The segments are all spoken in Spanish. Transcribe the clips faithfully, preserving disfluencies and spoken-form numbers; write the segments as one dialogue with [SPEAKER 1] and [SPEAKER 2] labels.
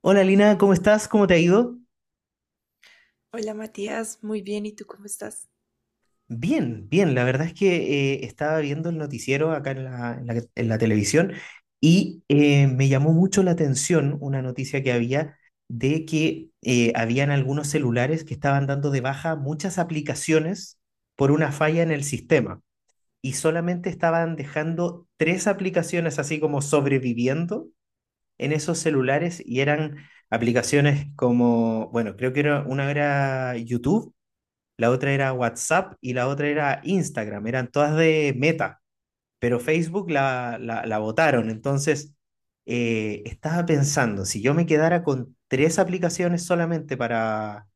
[SPEAKER 1] Hola Lina, ¿cómo estás? ¿Cómo te ha ido?
[SPEAKER 2] Hola Matías, muy bien, ¿y tú cómo estás?
[SPEAKER 1] Bien, bien. La verdad es que eh, estaba viendo el noticiero acá en la, en la- en la televisión y eh, me llamó mucho la atención una noticia que había de que eh, habían algunos celulares que estaban dando de baja muchas aplicaciones por una falla en el sistema y solamente estaban dejando tres aplicaciones así como sobreviviendo en esos celulares y eran aplicaciones como, bueno, creo que era, una era YouTube, la otra era WhatsApp y la otra era Instagram, eran todas de Meta, pero Facebook la, la, la votaron. Entonces, eh, estaba pensando, si yo me quedara con tres aplicaciones solamente para,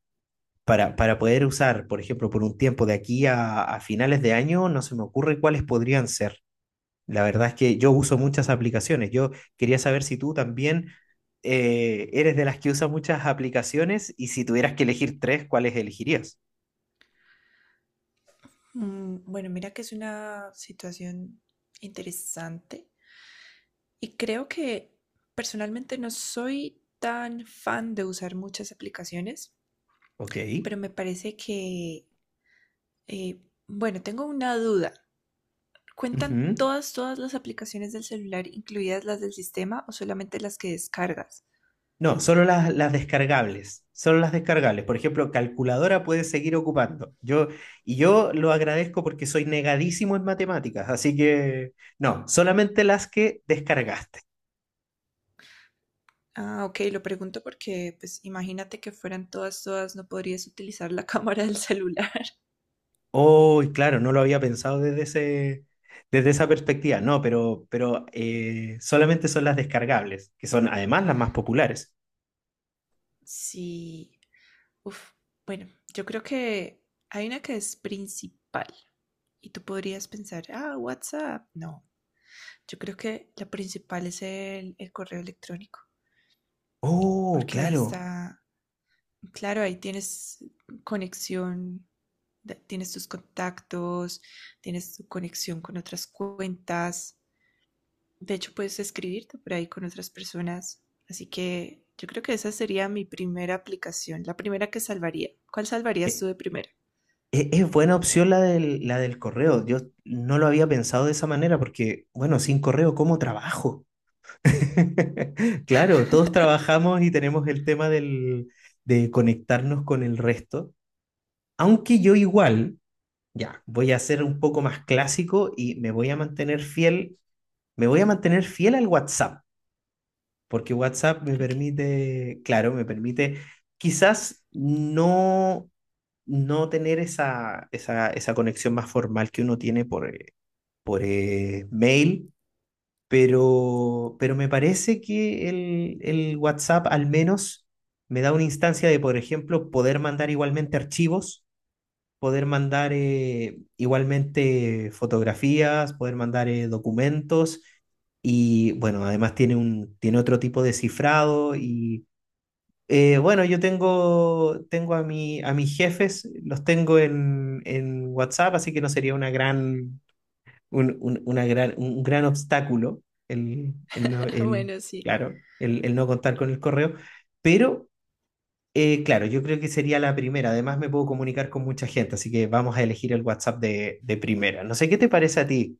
[SPEAKER 1] para, para poder usar, por ejemplo, por un tiempo de aquí a, a finales de año, no se me ocurre cuáles podrían ser. La verdad es que yo uso muchas aplicaciones. Yo quería saber si tú también eh, eres de las que usa muchas aplicaciones y si tuvieras que elegir tres, ¿cuáles elegirías?
[SPEAKER 2] Mm, bueno, mira que es una situación interesante y creo que personalmente no soy tan fan de usar muchas aplicaciones,
[SPEAKER 1] Ok.
[SPEAKER 2] pero me parece que, eh, bueno, tengo una duda. ¿Cuentan
[SPEAKER 1] Ujú.
[SPEAKER 2] todas, todas las aplicaciones del celular, incluidas las del sistema o solamente las que descargas?
[SPEAKER 1] No, solo las, las descargables, solo las descargables. Por ejemplo, calculadora puede seguir ocupando. Yo, y yo lo agradezco porque soy negadísimo en matemáticas, así que no, solamente las que descargaste.
[SPEAKER 2] Ah, ok, lo pregunto porque, pues, imagínate que fueran todas, todas, no podrías utilizar la cámara del celular.
[SPEAKER 1] Oh, y claro, no lo había pensado desde ese, desde esa perspectiva, no, pero, pero eh, solamente son las descargables, que son además las más populares.
[SPEAKER 2] Sí, uf, bueno, yo creo que hay una que es principal y tú podrías pensar, ah, WhatsApp. No, yo creo que la principal es el, el correo electrónico,
[SPEAKER 1] Oh,
[SPEAKER 2] porque ahí
[SPEAKER 1] claro.
[SPEAKER 2] está, claro, ahí tienes conexión, de- tienes tus contactos, tienes tu conexión con otras cuentas. De hecho, puedes escribirte por ahí con otras personas. Así que yo creo que esa sería mi primera aplicación, la primera que salvaría. ¿Cuál salvarías
[SPEAKER 1] Eh,
[SPEAKER 2] tú de primera?
[SPEAKER 1] E- Es buena opción la del, la del correo. Yo no lo había pensado de esa manera porque, bueno, sin correo, ¿cómo trabajo? Claro, todos trabajamos y tenemos el tema del, de conectarnos con el resto. Aunque yo igual, ya, voy a ser un poco más clásico y me voy a mantener fiel, me voy a mantener fiel al WhatsApp porque WhatsApp me
[SPEAKER 2] Ok.
[SPEAKER 1] permite, claro, me permite quizás no, no tener esa, esa, esa conexión más formal que uno tiene por, eh, por eh, mail, pero, pero me parece que el, el WhatsApp al menos me da una instancia de, por ejemplo, poder mandar igualmente archivos, poder mandar eh, igualmente fotografías, poder mandar eh, documentos y bueno, además tiene un, tiene otro tipo de cifrado y eh, bueno, yo tengo, tengo a mi, a mis jefes, los tengo en, en WhatsApp, así que no sería una gran, un, un- una gran, un gran obstáculo el, el no, el,
[SPEAKER 2] Bueno, sí.
[SPEAKER 1] claro, el, el no contar con el correo, pero eh, claro, yo creo que sería la primera. Además, me puedo comunicar con mucha gente, así que vamos a elegir el WhatsApp de, de primera. No sé qué te parece a ti.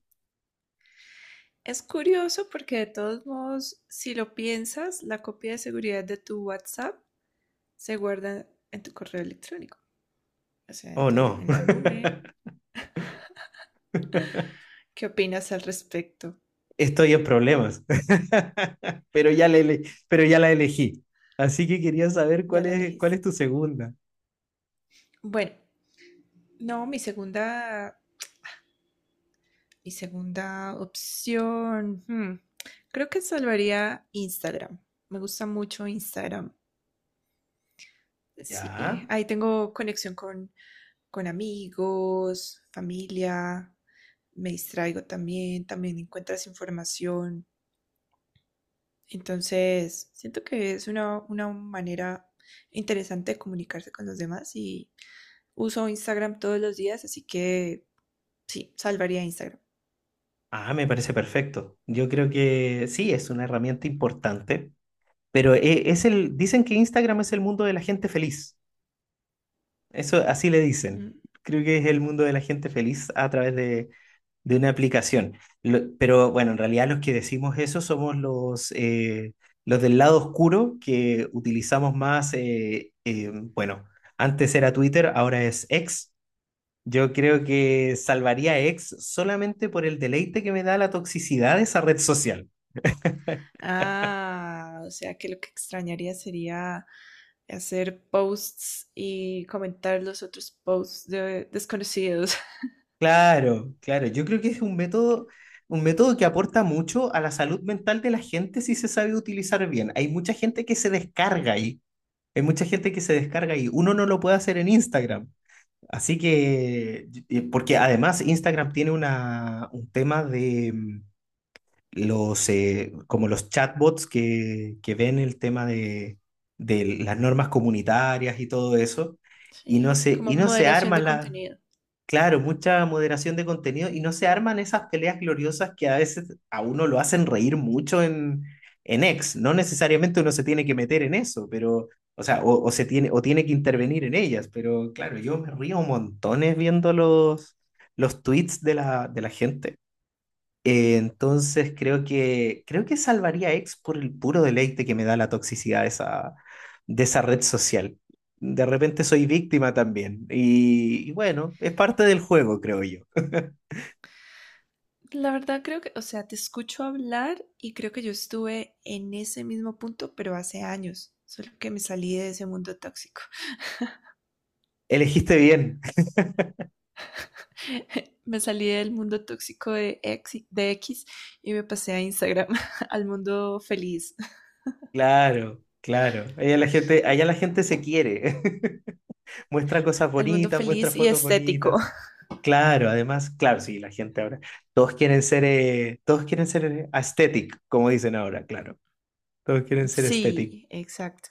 [SPEAKER 2] Es curioso porque de todos modos, si lo piensas, la copia de seguridad de tu WhatsApp se guarda en tu correo electrónico, o sea, en
[SPEAKER 1] Oh,
[SPEAKER 2] tu,
[SPEAKER 1] no,
[SPEAKER 2] en la nube. ¿Qué opinas al respecto?
[SPEAKER 1] estoy en problemas. Pero ya, le, ele- pero ya la elegí. Así que quería saber
[SPEAKER 2] Ya
[SPEAKER 1] cuál
[SPEAKER 2] la
[SPEAKER 1] es,
[SPEAKER 2] elegís.
[SPEAKER 1] cuál es tu segunda.
[SPEAKER 2] Bueno, no, mi segunda, mi segunda opción, hmm, creo que salvaría Instagram. Me gusta mucho Instagram. Sí,
[SPEAKER 1] Ya.
[SPEAKER 2] ahí tengo conexión con con amigos, familia, me distraigo también, también encuentras información. Entonces, siento que es una, una manera interesante de comunicarse con los demás y uso Instagram todos los días, así que sí, salvaría Instagram.
[SPEAKER 1] Ah, me parece perfecto. Yo creo que sí, es una herramienta importante, pero e- es el, dicen que Instagram es el mundo de la gente feliz. Eso así le dicen.
[SPEAKER 2] Mm.
[SPEAKER 1] Creo que es el mundo de la gente feliz a través de de una aplicación. Lo- pero bueno, en realidad los que decimos eso somos los, eh, los del lado oscuro que utilizamos más, eh, eh, bueno, antes era Twitter, ahora es X. Yo creo que salvaría a X solamente por el deleite que me da la toxicidad de esa red social.
[SPEAKER 2] Ah, o sea que lo que extrañaría sería hacer posts y comentar los otros posts de desconocidos.
[SPEAKER 1] Claro, claro, yo creo que es un método, un método que aporta mucho a la salud mental de la gente si se sabe utilizar bien. Hay mucha gente que se descarga ahí. Hay mucha gente que se descarga ahí uno no lo puede hacer en Instagram. Así que, y- porque además Instagram tiene una, un tema de mm, los, eh, como los chatbots que, que ven el tema de, de las normas comunitarias y todo eso, y no
[SPEAKER 2] Sí,
[SPEAKER 1] se,
[SPEAKER 2] como
[SPEAKER 1] y no se
[SPEAKER 2] moderación
[SPEAKER 1] arma
[SPEAKER 2] de
[SPEAKER 1] la-
[SPEAKER 2] contenido.
[SPEAKER 1] claro, mucha moderación de contenido y no se arman esas peleas gloriosas que a veces a uno lo hacen reír mucho en, en X. No necesariamente uno se tiene que meter en eso, pero, o sea, o, o se tiene, o tiene que intervenir en ellas, pero claro, yo me río montones viendo los, los tweets de la, de la gente. Eh, entonces creo que, creo que salvaría a X por el puro deleite que me da la toxicidad de esa, de esa red social. De repente soy víctima también. Y, y bueno, es parte del juego, creo yo.
[SPEAKER 2] La verdad creo que, o sea, te escucho hablar y creo que yo estuve en ese mismo punto, pero hace años, solo que me salí de ese mundo tóxico.
[SPEAKER 1] Elegiste bien.
[SPEAKER 2] Me salí del mundo tóxico de X, de X y me pasé a Instagram, al mundo feliz,
[SPEAKER 1] Claro, claro. Allá la gente, allá la gente se quiere. Muestra cosas
[SPEAKER 2] al mundo
[SPEAKER 1] bonitas, muestra
[SPEAKER 2] feliz y
[SPEAKER 1] fotos
[SPEAKER 2] estético.
[SPEAKER 1] bonitas. Claro, además, claro, sí, la gente ahora. Todos quieren ser, eh, todos quieren ser eh, aesthetic, como dicen ahora, claro. Todos quieren ser aesthetic.
[SPEAKER 2] Sí, exacto,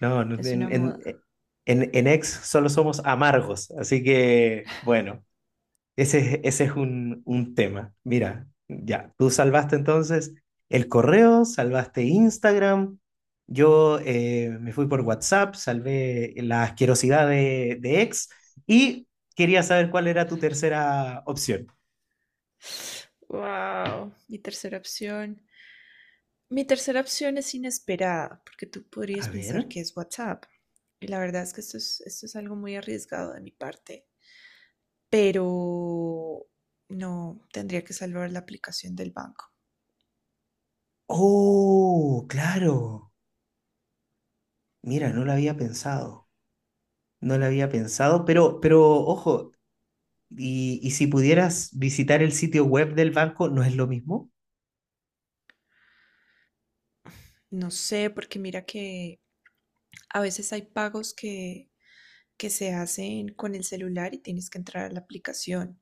[SPEAKER 1] No, no,
[SPEAKER 2] es
[SPEAKER 1] en,
[SPEAKER 2] una
[SPEAKER 1] en,
[SPEAKER 2] moda.
[SPEAKER 1] eh, en, en Ex solo somos amargos, así que bueno, ese, es- ese es un, un tema. Mira, ya, tú salvaste entonces el correo, salvaste Instagram, yo eh, me fui por WhatsApp, salvé la asquerosidad de, de Ex y quería saber cuál era tu tercera opción.
[SPEAKER 2] Wow, mi tercera opción. Mi tercera opción es inesperada, porque tú podrías
[SPEAKER 1] A ver.
[SPEAKER 2] pensar que es WhatsApp. Y la verdad es que esto es, esto es algo muy arriesgado de mi parte, pero no tendría que salvar la aplicación del banco.
[SPEAKER 1] Oh, claro. Mira, no lo había pensado. No lo había pensado, pero, pero ojo, Y, y si pudieras visitar el sitio web del banco, ¿no es lo mismo?
[SPEAKER 2] No sé, porque mira que a veces hay pagos que, que se hacen con el celular y tienes que entrar a la aplicación.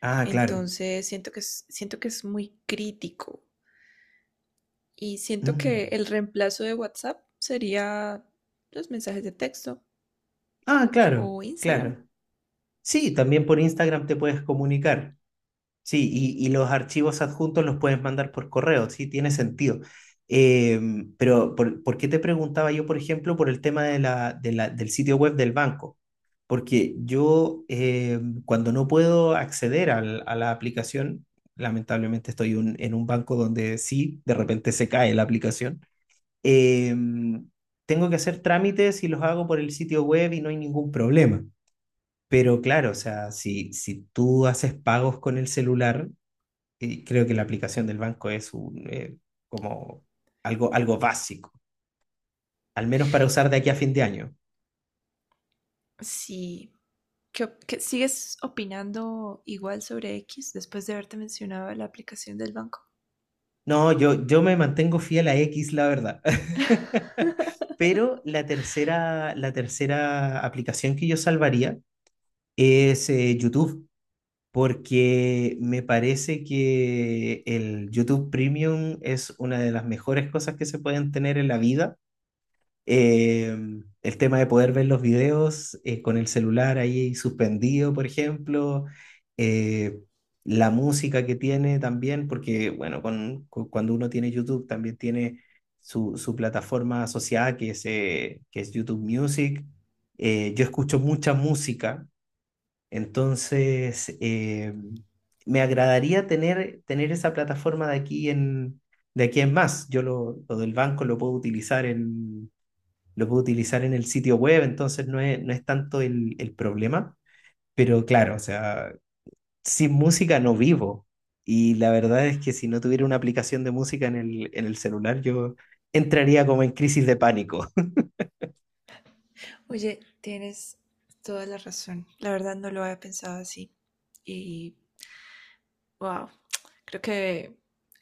[SPEAKER 1] Ah, claro.
[SPEAKER 2] Entonces siento que es, siento que es muy crítico. Y siento que
[SPEAKER 1] Mm.
[SPEAKER 2] el reemplazo de WhatsApp sería los mensajes de texto
[SPEAKER 1] Ah, claro,
[SPEAKER 2] o Instagram.
[SPEAKER 1] claro. Sí, también por Instagram te puedes comunicar. Sí, y, y los archivos adjuntos los puedes mandar por correo, sí, tiene sentido. Em, pero, por, ¿por qué te preguntaba yo, por ejemplo, por el tema de la, de la- del sitio web del banco? Porque yo, em, cuando no puedo acceder al- a la aplicación, lamentablemente estoy un- en un banco donde sí, de repente se cae la aplicación, em, tengo que hacer trámites y los hago por el sitio web y no hay ningún problema. Pero claro, o sea, si, si tú haces pagos con el celular, y creo que la aplicación del banco es un, eh, como algo, algo básico, al menos para usar de aquí a fin de año.
[SPEAKER 2] Sí. ¿Qué, op- qué- sigues opinando igual sobre X después de haberte mencionado la aplicación del banco?
[SPEAKER 1] No, yo, yo me mantengo fiel a X, la verdad. Pero la tercera, la tercera aplicación que yo salvaría es eh, YouTube, porque me parece que el YouTube Premium es una de las mejores cosas que se pueden tener en la vida. Eh, el tema de poder ver los videos eh, con el celular ahí suspendido, por ejemplo. Eh, la música que tiene también, porque bueno, con, cu- cuando uno tiene YouTube también tiene su, su plataforma asociada que es, eh, que es YouTube Music. Eh, yo escucho mucha música, entonces eh, me agradaría tener, tener esa plataforma de aquí en, de aquí en más. Yo lo, lo del banco lo puedo utilizar en lo puedo utilizar en el sitio web, entonces no es, no es tanto el, el problema. Pero claro, o sea, sin música no vivo. Y la verdad es que si no tuviera una aplicación de música en el, en el celular, yo entraría como en crisis de pánico.
[SPEAKER 2] Oye, tienes toda la razón. La verdad no lo había pensado así. Y wow, creo que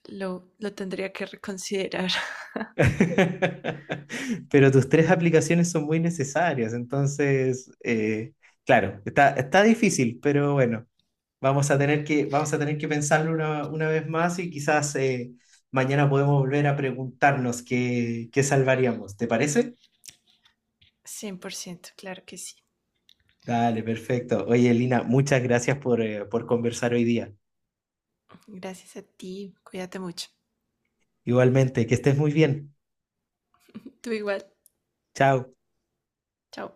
[SPEAKER 2] lo, lo tendría que reconsiderar.
[SPEAKER 1] Pero tus tres aplicaciones son muy necesarias, entonces, eh, claro, está, está difícil, pero bueno. Vamos a tener que, vamos a tener que pensarlo una, una vez más y quizás eh, mañana podemos volver a preguntarnos qué, qué salvaríamos. ¿Te parece?
[SPEAKER 2] Cien por ciento, claro que sí.
[SPEAKER 1] Dale, perfecto. Oye, Lina, muchas gracias por, eh, por conversar hoy día.
[SPEAKER 2] Gracias a ti. Cuídate mucho.
[SPEAKER 1] Igualmente, que estés muy bien.
[SPEAKER 2] Tú igual.
[SPEAKER 1] Chao.
[SPEAKER 2] Chao.